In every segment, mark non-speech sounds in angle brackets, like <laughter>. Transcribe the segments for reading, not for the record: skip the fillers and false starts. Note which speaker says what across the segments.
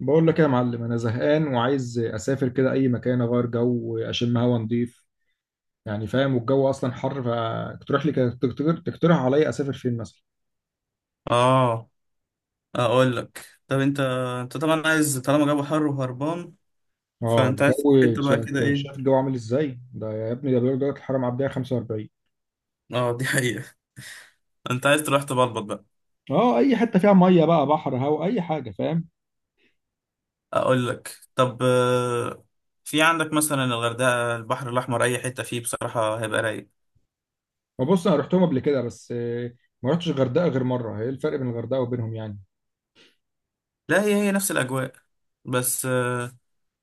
Speaker 1: بقول لك ايه يا معلم؟ انا زهقان وعايز اسافر كده اي مكان، اغير جو، اشم هوا نضيف يعني، فاهم؟ والجو اصلا حر، فتقترح لي تقترح عليا اسافر فين مثلا؟
Speaker 2: اه، اقول لك طب انت طبعا عايز طالما جو حر وهربان،
Speaker 1: اه
Speaker 2: فانت عايز تروح
Speaker 1: الجو.
Speaker 2: حته بقى
Speaker 1: شايف
Speaker 2: كده
Speaker 1: شايف
Speaker 2: ايه.
Speaker 1: الجو عامل ازاي ده يا ابني؟ ده بيقول درجه الحراره معديه 45.
Speaker 2: اه دي حقيقه. <laughs> انت عايز تروح تبلبط بقى.
Speaker 1: اه اي حته فيها ميه بقى، بحر، هوا، اي حاجه، فاهم؟
Speaker 2: اقول لك طب آه، في عندك مثلا الغردقه، البحر الاحمر، اي حته فيه بصراحه هيبقى رايق.
Speaker 1: وبص انا رحتهم قبل كده بس ما رحتش الغردقه غير مره. ايه الفرق بين الغردقه وبينهم يعني؟
Speaker 2: لا هي هي نفس الاجواء، بس آه،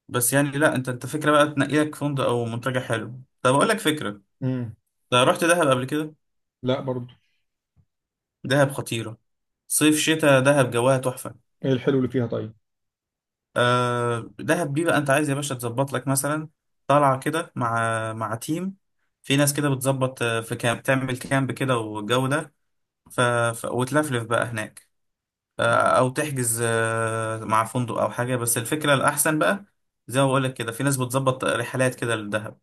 Speaker 2: بس يعني لا، انت فكره بقى تنقي لك فندق او منتجع حلو. طب اقول لك فكره،
Speaker 1: امم
Speaker 2: ده رحت دهب قبل كده؟
Speaker 1: لا برضو.
Speaker 2: دهب خطيره، صيف شتاء دهب جواها تحفه.
Speaker 1: ايه الحلو اللي فيها طيب؟
Speaker 2: آه دهب دي بقى انت عايز يا باشا تظبط لك مثلا طالعه كده مع تيم. في ناس كده بتظبط آه، في كامب، تعمل كامب كده والجو ده. ف... وتلفلف بقى هناك، آه. او تحجز آه مع فندق او حاجه، بس الفكره الاحسن بقى، زي ما بقول لك كده في ناس بتظبط رحلات كده للدهب.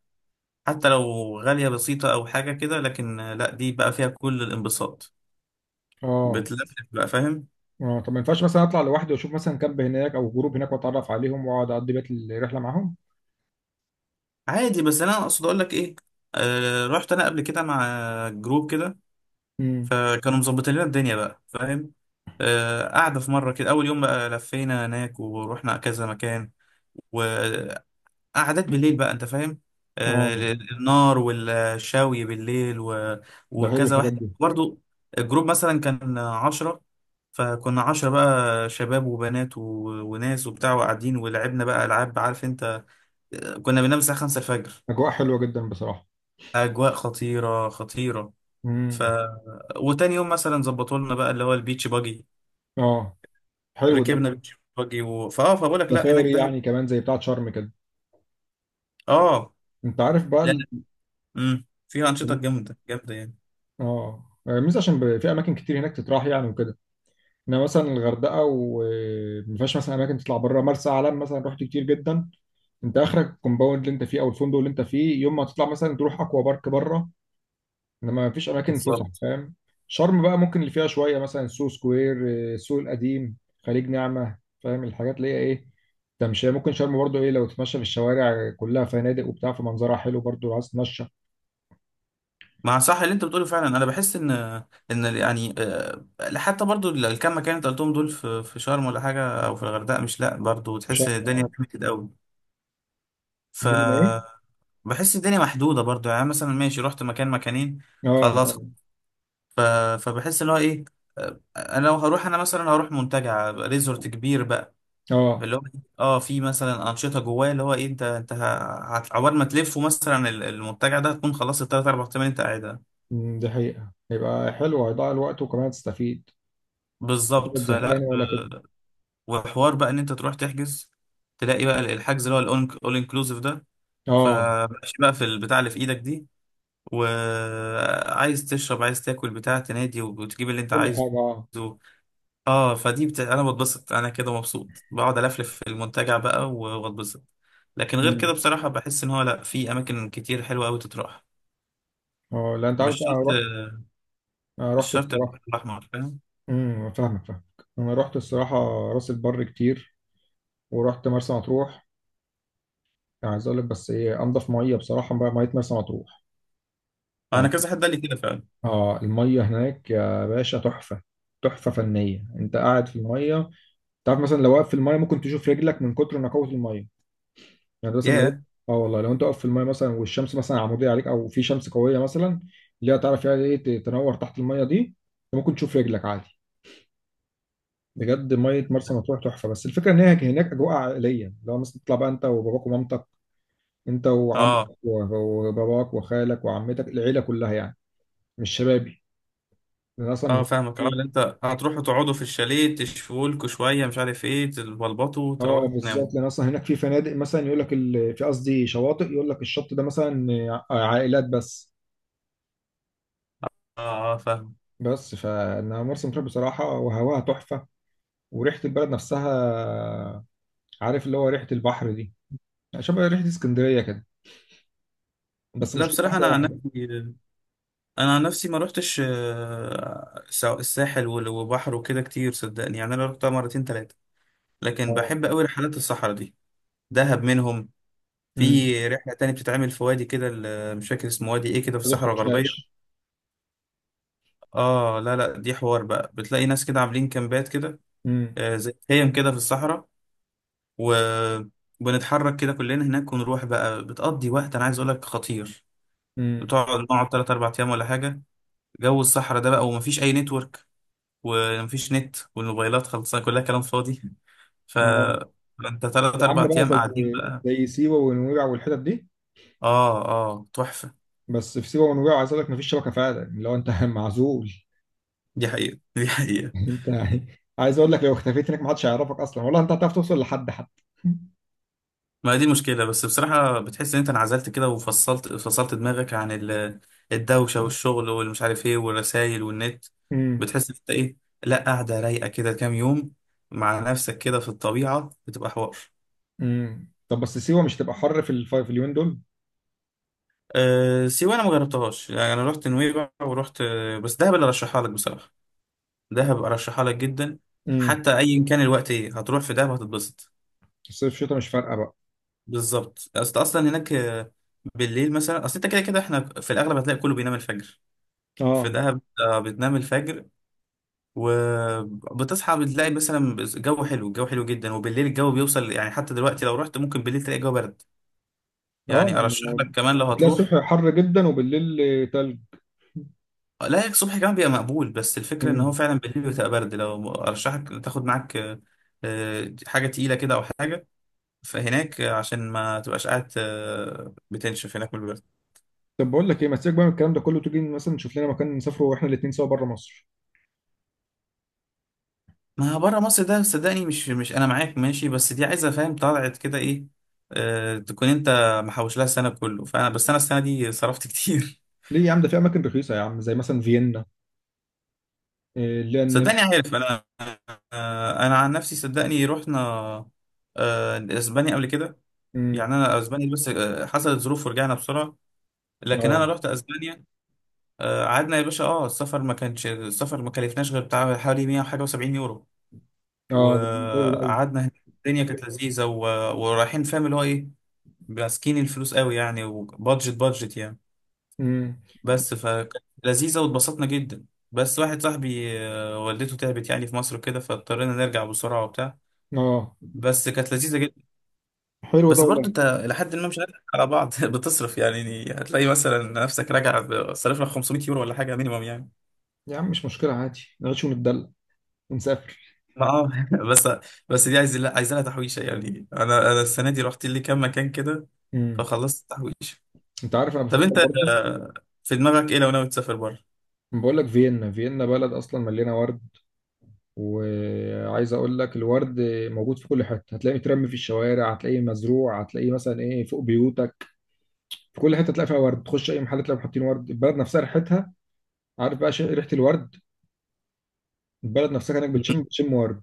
Speaker 2: حتى لو غاليه بسيطه او حاجه كده، لكن آه، لا دي بقى فيها كل الانبساط،
Speaker 1: اه.
Speaker 2: بتلفلف بقى، فاهم.
Speaker 1: اه طب ما ينفعش مثلا اطلع لوحدي واشوف مثلا كامب هناك او جروب هناك واتعرف عليهم واقعد اقضي بقية الرحله معاهم؟
Speaker 2: عادي، بس انا اقصد اقول لك ايه، آه رحت انا قبل كده مع جروب كده،
Speaker 1: امم
Speaker 2: فكانوا مظبطين لنا الدنيا بقى، فاهم. آه، قعدة في مرة كده، أول يوم بقى لفينا هناك ورحنا كذا مكان، وقعدات بالليل بقى، أنت فاهم، آه،
Speaker 1: اه
Speaker 2: النار والشاوي بالليل
Speaker 1: ده حلو
Speaker 2: وكذا
Speaker 1: الحاجات
Speaker 2: واحد
Speaker 1: دي.
Speaker 2: برضو. الجروب مثلا كان عشرة، فكنا عشرة بقى، شباب وبنات وناس وبتاع، وقاعدين ولعبنا بقى ألعاب، عارف أنت، آه، كنا بننام الساعة خمسة الفجر.
Speaker 1: اجواء حلوه جدا بصراحه.
Speaker 2: أجواء خطيرة خطيرة. ف
Speaker 1: امم
Speaker 2: وتاني يوم مثلا ظبطوا لنا بقى اللي هو البيتش باجي.
Speaker 1: اه حلو ده.
Speaker 2: ركبنا بيتش باجي و... فاه فبقول لك لا، هناك
Speaker 1: سفاري
Speaker 2: دهب.
Speaker 1: يعني، كمان زي بتاعه شرم كده؟
Speaker 2: اه،
Speaker 1: انت عارف بقى
Speaker 2: لا لا، امم، فيها انشطه جامده جامده يعني.
Speaker 1: اه، مش عشان في اماكن كتير هناك تتراح يعني وكده. انا مثلا الغردقه، وما فيهاش مثلا اماكن تطلع بره. مرسى علم مثلا، رحت كتير جدا، انت اخرك الكومباوند اللي انت فيه او الفندق اللي انت فيه، يوم ما تطلع مثلا تروح اكوا بارك بره. انما ما فيش اماكن فسح،
Speaker 2: بالظبط.
Speaker 1: فاهم؟ شرم بقى ممكن اللي فيها شويه، مثلا سوق سكوير، السوق القديم، خليج نعمه، فاهم الحاجات اللي هي ايه. تمشي، ممكن شرم برضو ايه، لو تتمشى في الشوارع كلها فنادق وبتاع، فمنظرها حلو برضو لو عايز تتمشى.
Speaker 2: مع، صح اللي انت بتقوله فعلا. انا بحس ان ان يعني آه، حتى برضو الكام مكان انت قلتهم دول، في شرم ولا حاجه او في الغردقه، مش لا برضو
Speaker 1: مش
Speaker 2: تحس إن الدنيا
Speaker 1: اه.
Speaker 2: كده قوي. ف
Speaker 1: الدنيا ايه؟
Speaker 2: بحس الدنيا محدوده برضو، يعني مثلا ماشي رحت مكان مكانين
Speaker 1: اه.
Speaker 2: خلاص. ف... فبحس ان هو ايه، آه، انا لو هروح، انا مثلا هروح منتجع ريزورت كبير بقى،
Speaker 1: اه.
Speaker 2: اللي هو إيه، اه في مثلا انشطه جواه، اللي هو ايه، عقبال ما تلفه مثلا المنتجع ده، هتكون خلصت الثلاث اربع ايام اللي انت قاعدها.
Speaker 1: أمم، دي حقيقه، هيبقى حلو، هيضيع الوقت وكمان هتستفيد.
Speaker 2: بالظبط،
Speaker 1: تبقى زهقان ولا كده.
Speaker 2: وحوار بقى ان انت تروح تحجز، تلاقي بقى الحجز اللي هو الاول انكلوسيف ده.
Speaker 1: اه
Speaker 2: فماشي بقى في البتاع اللي في ايدك دي، وعايز تشرب، عايز تاكل بتاع، تنادي وتجيب اللي انت
Speaker 1: كل
Speaker 2: عايزه.
Speaker 1: حاجه، اه.
Speaker 2: اه، انا بتبسط، انا كده مبسوط بقعد الفلف في المنتجع بقى واتبسط. لكن غير
Speaker 1: أمم.
Speaker 2: كده بصراحة بحس ان هو لا، في اماكن كتير حلوة قوي تتراح.
Speaker 1: اه لا انت عارف
Speaker 2: مش
Speaker 1: بقى،
Speaker 2: شرط،
Speaker 1: انا رحت.
Speaker 2: <laughs>
Speaker 1: انا
Speaker 2: مش
Speaker 1: رحت
Speaker 2: شرط
Speaker 1: الصراحه.
Speaker 2: البحر الاحمر، فاهم.
Speaker 1: امم، فاهمك فاهمك. انا رحت الصراحه راس البر كتير، ورحت مرسى مطروح. يعني عايز اقول لك بس ايه، انضف ميه بصراحه بقى ميه مرسى مطروح
Speaker 2: انا
Speaker 1: يعني.
Speaker 2: كذا حد قال لي كده فعلا.
Speaker 1: اه الميه هناك يا باشا تحفه. تحفه فنيه، انت قاعد في الميه. تعرف مثلا لو واقف في الميه ممكن تشوف رجلك من كتر نقاوه الميه. يعني مثلا لو،
Speaker 2: ياه.
Speaker 1: اه والله لو انت واقف في الميه مثلا والشمس مثلا عموديه عليك او في شمس قويه مثلا، اللي هي تعرف يعني ايه، تنور تحت الميه دي، أنت ممكن تشوف رجلك عادي. بجد ميه مرسى مطروح تحفه. بس الفكره ان هي هناك اجواء عائليه. لو مثلا تطلع بقى انت وباباك ومامتك، انت وعمك
Speaker 2: اه
Speaker 1: وباباك وخالك وعمتك، العيله كلها يعني. مش شبابي، لان اصلا
Speaker 2: اه فاهمك، اه
Speaker 1: هناك-.
Speaker 2: اللي انت هتروحوا تقعدوا في الشاليه، تشفوا لكوا شوية مش عارف ايه، تبلبطوا،
Speaker 1: اه
Speaker 2: تروحوا تناموا.
Speaker 1: بالظبط، لان اصلا هناك في فنادق مثلا يقول لك في، قصدي شواطئ، يقول لك الشط ده مثلا عائلات بس.
Speaker 2: اه اه فاهم.
Speaker 1: بس فانا مرسى مطروح بصراحه وهواها تحفه، وريحه البلد نفسها، عارف اللي هو ريحه البحر دي، شبه ريحه اسكندريه كده. بس
Speaker 2: لا
Speaker 1: مشكلة
Speaker 2: بصراحة
Speaker 1: حاجه
Speaker 2: انا عن
Speaker 1: واحده.
Speaker 2: نفسي، انا عن نفسي ما روحتش آه، الساحل وبحر وكده كتير، صدقني، يعني انا رحتها مرتين تلاتة، لكن
Speaker 1: اه.
Speaker 2: بحب قوي رحلات الصحراء دي. دهب منهم،
Speaker 1: امم.
Speaker 2: في رحلة تانية بتتعمل في وادي كده، مش فاكر اسمه، وادي ايه كده في
Speaker 1: ما
Speaker 2: الصحراء الغربية.
Speaker 1: تخشاش.
Speaker 2: اه لا لا، دي حوار بقى، بتلاقي ناس كده عاملين كامبات كده،
Speaker 1: امم.
Speaker 2: آه زي خيم كده في الصحراء، و بنتحرك كده كلنا هناك ونروح بقى، بتقضي وقت انا عايز اقول لك خطير.
Speaker 1: امم.
Speaker 2: بتقعد نقعد 3 4 ايام ولا حاجة، جو الصحراء ده بقى، ومفيش اي نتورك، ومفيش نت، والموبايلات خلصانة، كلها كلام فاضي. ف
Speaker 1: اه
Speaker 2: انت تلات اربع
Speaker 1: وعامله بقى
Speaker 2: ايام قاعدين
Speaker 1: زي
Speaker 2: بقى.
Speaker 1: زي سيوه ونويبع والحتت دي.
Speaker 2: اه اه تحفة.
Speaker 1: بس في سيوه ونويبع عايز اقول لك مفيش شبكه فعلا. يعني لو انت <laughs> معزول.
Speaker 2: دي حقيقة دي حقيقة.
Speaker 1: <laughs> انت يعني، عايز اقول لك لو اختفيت هناك محدش هيعرفك اصلا والله. انت هتعرف توصل لحد حتى؟ <laughs>
Speaker 2: ما دي مشكلة، بس بصراحة بتحس ان انت انعزلت كده، وفصلت، فصلت دماغك عن الدوشة والشغل والمش عارف ايه، والرسايل والنت.
Speaker 1: امم.
Speaker 2: بتحس ان انت ايه، لا قاعدة رايقة كده كام يوم مع نفسك كده في الطبيعة، بتبقى حوار.
Speaker 1: طب بس سيوه مش تبقى حر في في اليومين دول؟
Speaker 2: أه سيوة انا مجربتهاش يعني، انا رحت نويبع ورحت آه، بس دهب اللي ارشحها لك بصراحة. دهب ارشحها لك جدا،
Speaker 1: امم.
Speaker 2: حتى ايا كان الوقت ايه، هتروح في دهب هتتبسط.
Speaker 1: الصيف شتاء مش فارقه بقى؟
Speaker 2: بالظبط، اصلا هناك آه، بالليل مثلا، اصل انت كده كده احنا في الاغلب هتلاقي كله بينام الفجر. في
Speaker 1: اه.
Speaker 2: دهب آه، بتنام الفجر، وبتصحى بتلاقي مثلا جو حلو، الجو حلو جدا، وبالليل الجو بيوصل، يعني حتى دلوقتي لو رحت ممكن بالليل تلاقي الجو برد.
Speaker 1: اه
Speaker 2: يعني ارشح لك كمان لو
Speaker 1: بتلاقي
Speaker 2: هتروح.
Speaker 1: الصبح حر جدا وبالليل تلج.
Speaker 2: لا هيك الصبح كمان بيبقى مقبول، بس الفكرة ان هو
Speaker 1: امم
Speaker 2: فعلا بالليل بتبقى برد، لو ارشحك تاخد معاك آه، آه، حاجة تقيلة كده او حاجة. فهناك آه، عشان ما تبقاش قاعد آه، بتنشف هناك من البرد.
Speaker 1: طب بقول لك ايه، ما تسيبك بقى من الكلام ده كله، تيجي مثلا نشوف لنا مكان نسافره واحنا الاثنين سوا بره مصر.
Speaker 2: ما بره مصر ده صدقني مش انا معاك ماشي، بس دي عايزه فاهم طلعت كده ايه، آه تكون انت محوش لها السنه كله، فانا بس انا السنه دي صرفت كتير.
Speaker 1: ليه يا عم؟ ده في اماكن رخيصه يا عم، زي مثلا فيينا، إيه اللي هي
Speaker 2: <laughs> صدقني
Speaker 1: النمسا.
Speaker 2: عارف انا، آه انا عن نفسي صدقني رحنا آه اسبانيا قبل كده.
Speaker 1: امم.
Speaker 2: يعني انا اسبانيا، بس آه حصلت ظروف ورجعنا بسرعه، لكن انا
Speaker 1: اه.
Speaker 2: رحت اسبانيا. آه قعدنا يا باشا، اه السفر ما كانش، السفر ما كلفناش غير بتاع حوالي 100 وحاجه و70 يورو.
Speaker 1: اه ده بالنسبة لي ده.
Speaker 2: وقعدنا هناك، الدنيا كانت لذيذه ورايحين فاهم اللي هو ايه، ماسكين الفلوس قوي يعني، وبادجت بادجت يعني،
Speaker 1: امم.
Speaker 2: بس فكانت لذيذة واتبسطنا جدا. بس واحد صاحبي آه، والدته تعبت يعني في مصر كده، فاضطرينا نرجع بسرعة وبتاع،
Speaker 1: اه
Speaker 2: بس كانت لذيذة جدا.
Speaker 1: حلو ده
Speaker 2: بس
Speaker 1: والله.
Speaker 2: برضو انت لحد ما، مش هنضحك على بعض، <laughs> بتصرف يعني، يعني هتلاقي مثلا نفسك راجع صرف لك 500 يورو ولا حاجة مينيمم يعني.
Speaker 1: يا عم مش مشكله، عادي نعيش وندلع ونسافر.
Speaker 2: ما اه <laughs> بس، بس دي عايز لا، عايزة لها تحويشة يعني، انا السنة دي رحت لي كام مكان كده،
Speaker 1: امم.
Speaker 2: فخلصت التحويشة.
Speaker 1: انت عارف انا
Speaker 2: طب
Speaker 1: بفكر
Speaker 2: انت
Speaker 1: برضه.
Speaker 2: آه، في دماغك ايه لو ناوي تسافر بره؟
Speaker 1: بقول لك فيينا. فيينا بلد اصلا مليانه ورد. وعايز اقول لك الورد موجود في كل حته، هتلاقيه مترمي في الشوارع، هتلاقيه مزروع، هتلاقيه مثلا ايه فوق بيوتك. في كل حته تلاقي فيها ورد، تخش اي محل تلاقي حاطين ورد. البلد نفسها ريحتها، عارف بقى ريحه الورد. البلد نفسها كانك بتشم ورد.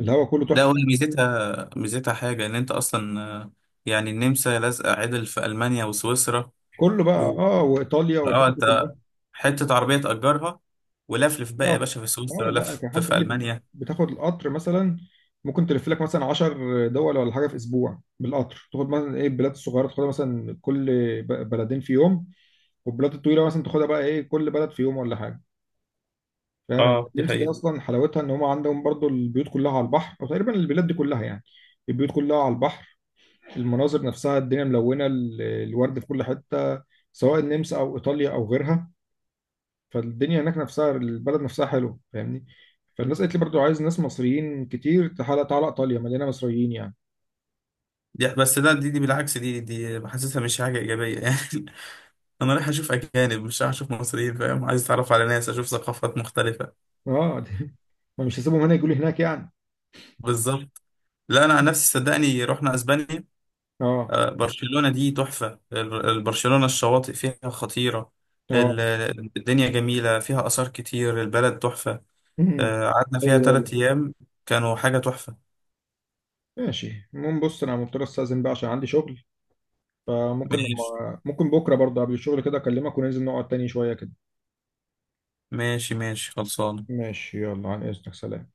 Speaker 1: الهواء كله
Speaker 2: لا هو
Speaker 1: تحفه.
Speaker 2: ميزتها حاجة إن أنت أصلا آه، يعني النمسا لازقة عدل في ألمانيا وسويسرا.
Speaker 1: كله بقى
Speaker 2: و
Speaker 1: اه، وايطاليا
Speaker 2: اه
Speaker 1: والحتت دي
Speaker 2: أنت
Speaker 1: كلها.
Speaker 2: حتة عربية تأجرها ولفلف بقى يا
Speaker 1: القطر.
Speaker 2: باشا، في
Speaker 1: اه
Speaker 2: سويسرا
Speaker 1: لا
Speaker 2: لف،
Speaker 1: كان حد
Speaker 2: في
Speaker 1: قال لي
Speaker 2: ألمانيا.
Speaker 1: بتاخد القطر مثلا، ممكن تلف لك مثلا 10 دول ولا حاجه في اسبوع بالقطر، تاخد مثلا ايه البلاد الصغيره، تاخدها مثلا كل بلدين في يوم، والبلاد الطويله مثلا تاخدها بقى ايه كل بلد في يوم ولا حاجه. فاهم يعني
Speaker 2: اه دي
Speaker 1: النمسا دي
Speaker 2: حقيقة.
Speaker 1: اصلا حلاوتها ان هم عندهم برضو البيوت كلها على البحر، او تقريبا البلاد دي كلها يعني البيوت كلها على البحر. المناظر نفسها الدنيا ملونه، الورد في كل حته، سواء النمسا او ايطاليا او غيرها. فالدنيا هناك نفسها، البلد نفسها حلوه، فاهمني. فالناس قالت لي برضو، عايز ناس مصريين كتير، تعالى، تعالى ايطاليا مليانه مصريين يعني.
Speaker 2: دي بالعكس، دي حاسسها مش حاجة إيجابية <laughs> يعني. أنا رايح أشوف أجانب، مش رايح أشوف مصريين، فاهم، عايز أتعرف على ناس، أشوف ثقافات مختلفة.
Speaker 1: اه <laughs> ما مش هسيبهم هنا يجوا لي هناك يعني.
Speaker 2: بالظبط، لا أنا عن نفسي صدقني رحنا أسبانيا.
Speaker 1: اه.
Speaker 2: آه، برشلونة دي تحفة، برشلونة الشواطئ فيها خطيرة. ال-
Speaker 1: اه.
Speaker 2: الدنيا جميلة، فيها آثار كتير، البلد تحفة.
Speaker 1: مم.
Speaker 2: آه، قعدنا فيها
Speaker 1: ايوه ده والله.
Speaker 2: تلات أيام، كانوا حاجة تحفة.
Speaker 1: ماشي المهم بص انا مضطر استاذن بقى عشان عندي شغل. فممكن
Speaker 2: ماشي
Speaker 1: لما ممكن بكره برضه قبل الشغل كده اكلمك وننزل نقعد تاني شويه كده.
Speaker 2: ماشي، ماشي خلصانة.
Speaker 1: ماشي، يلا عن اذنك، سلام.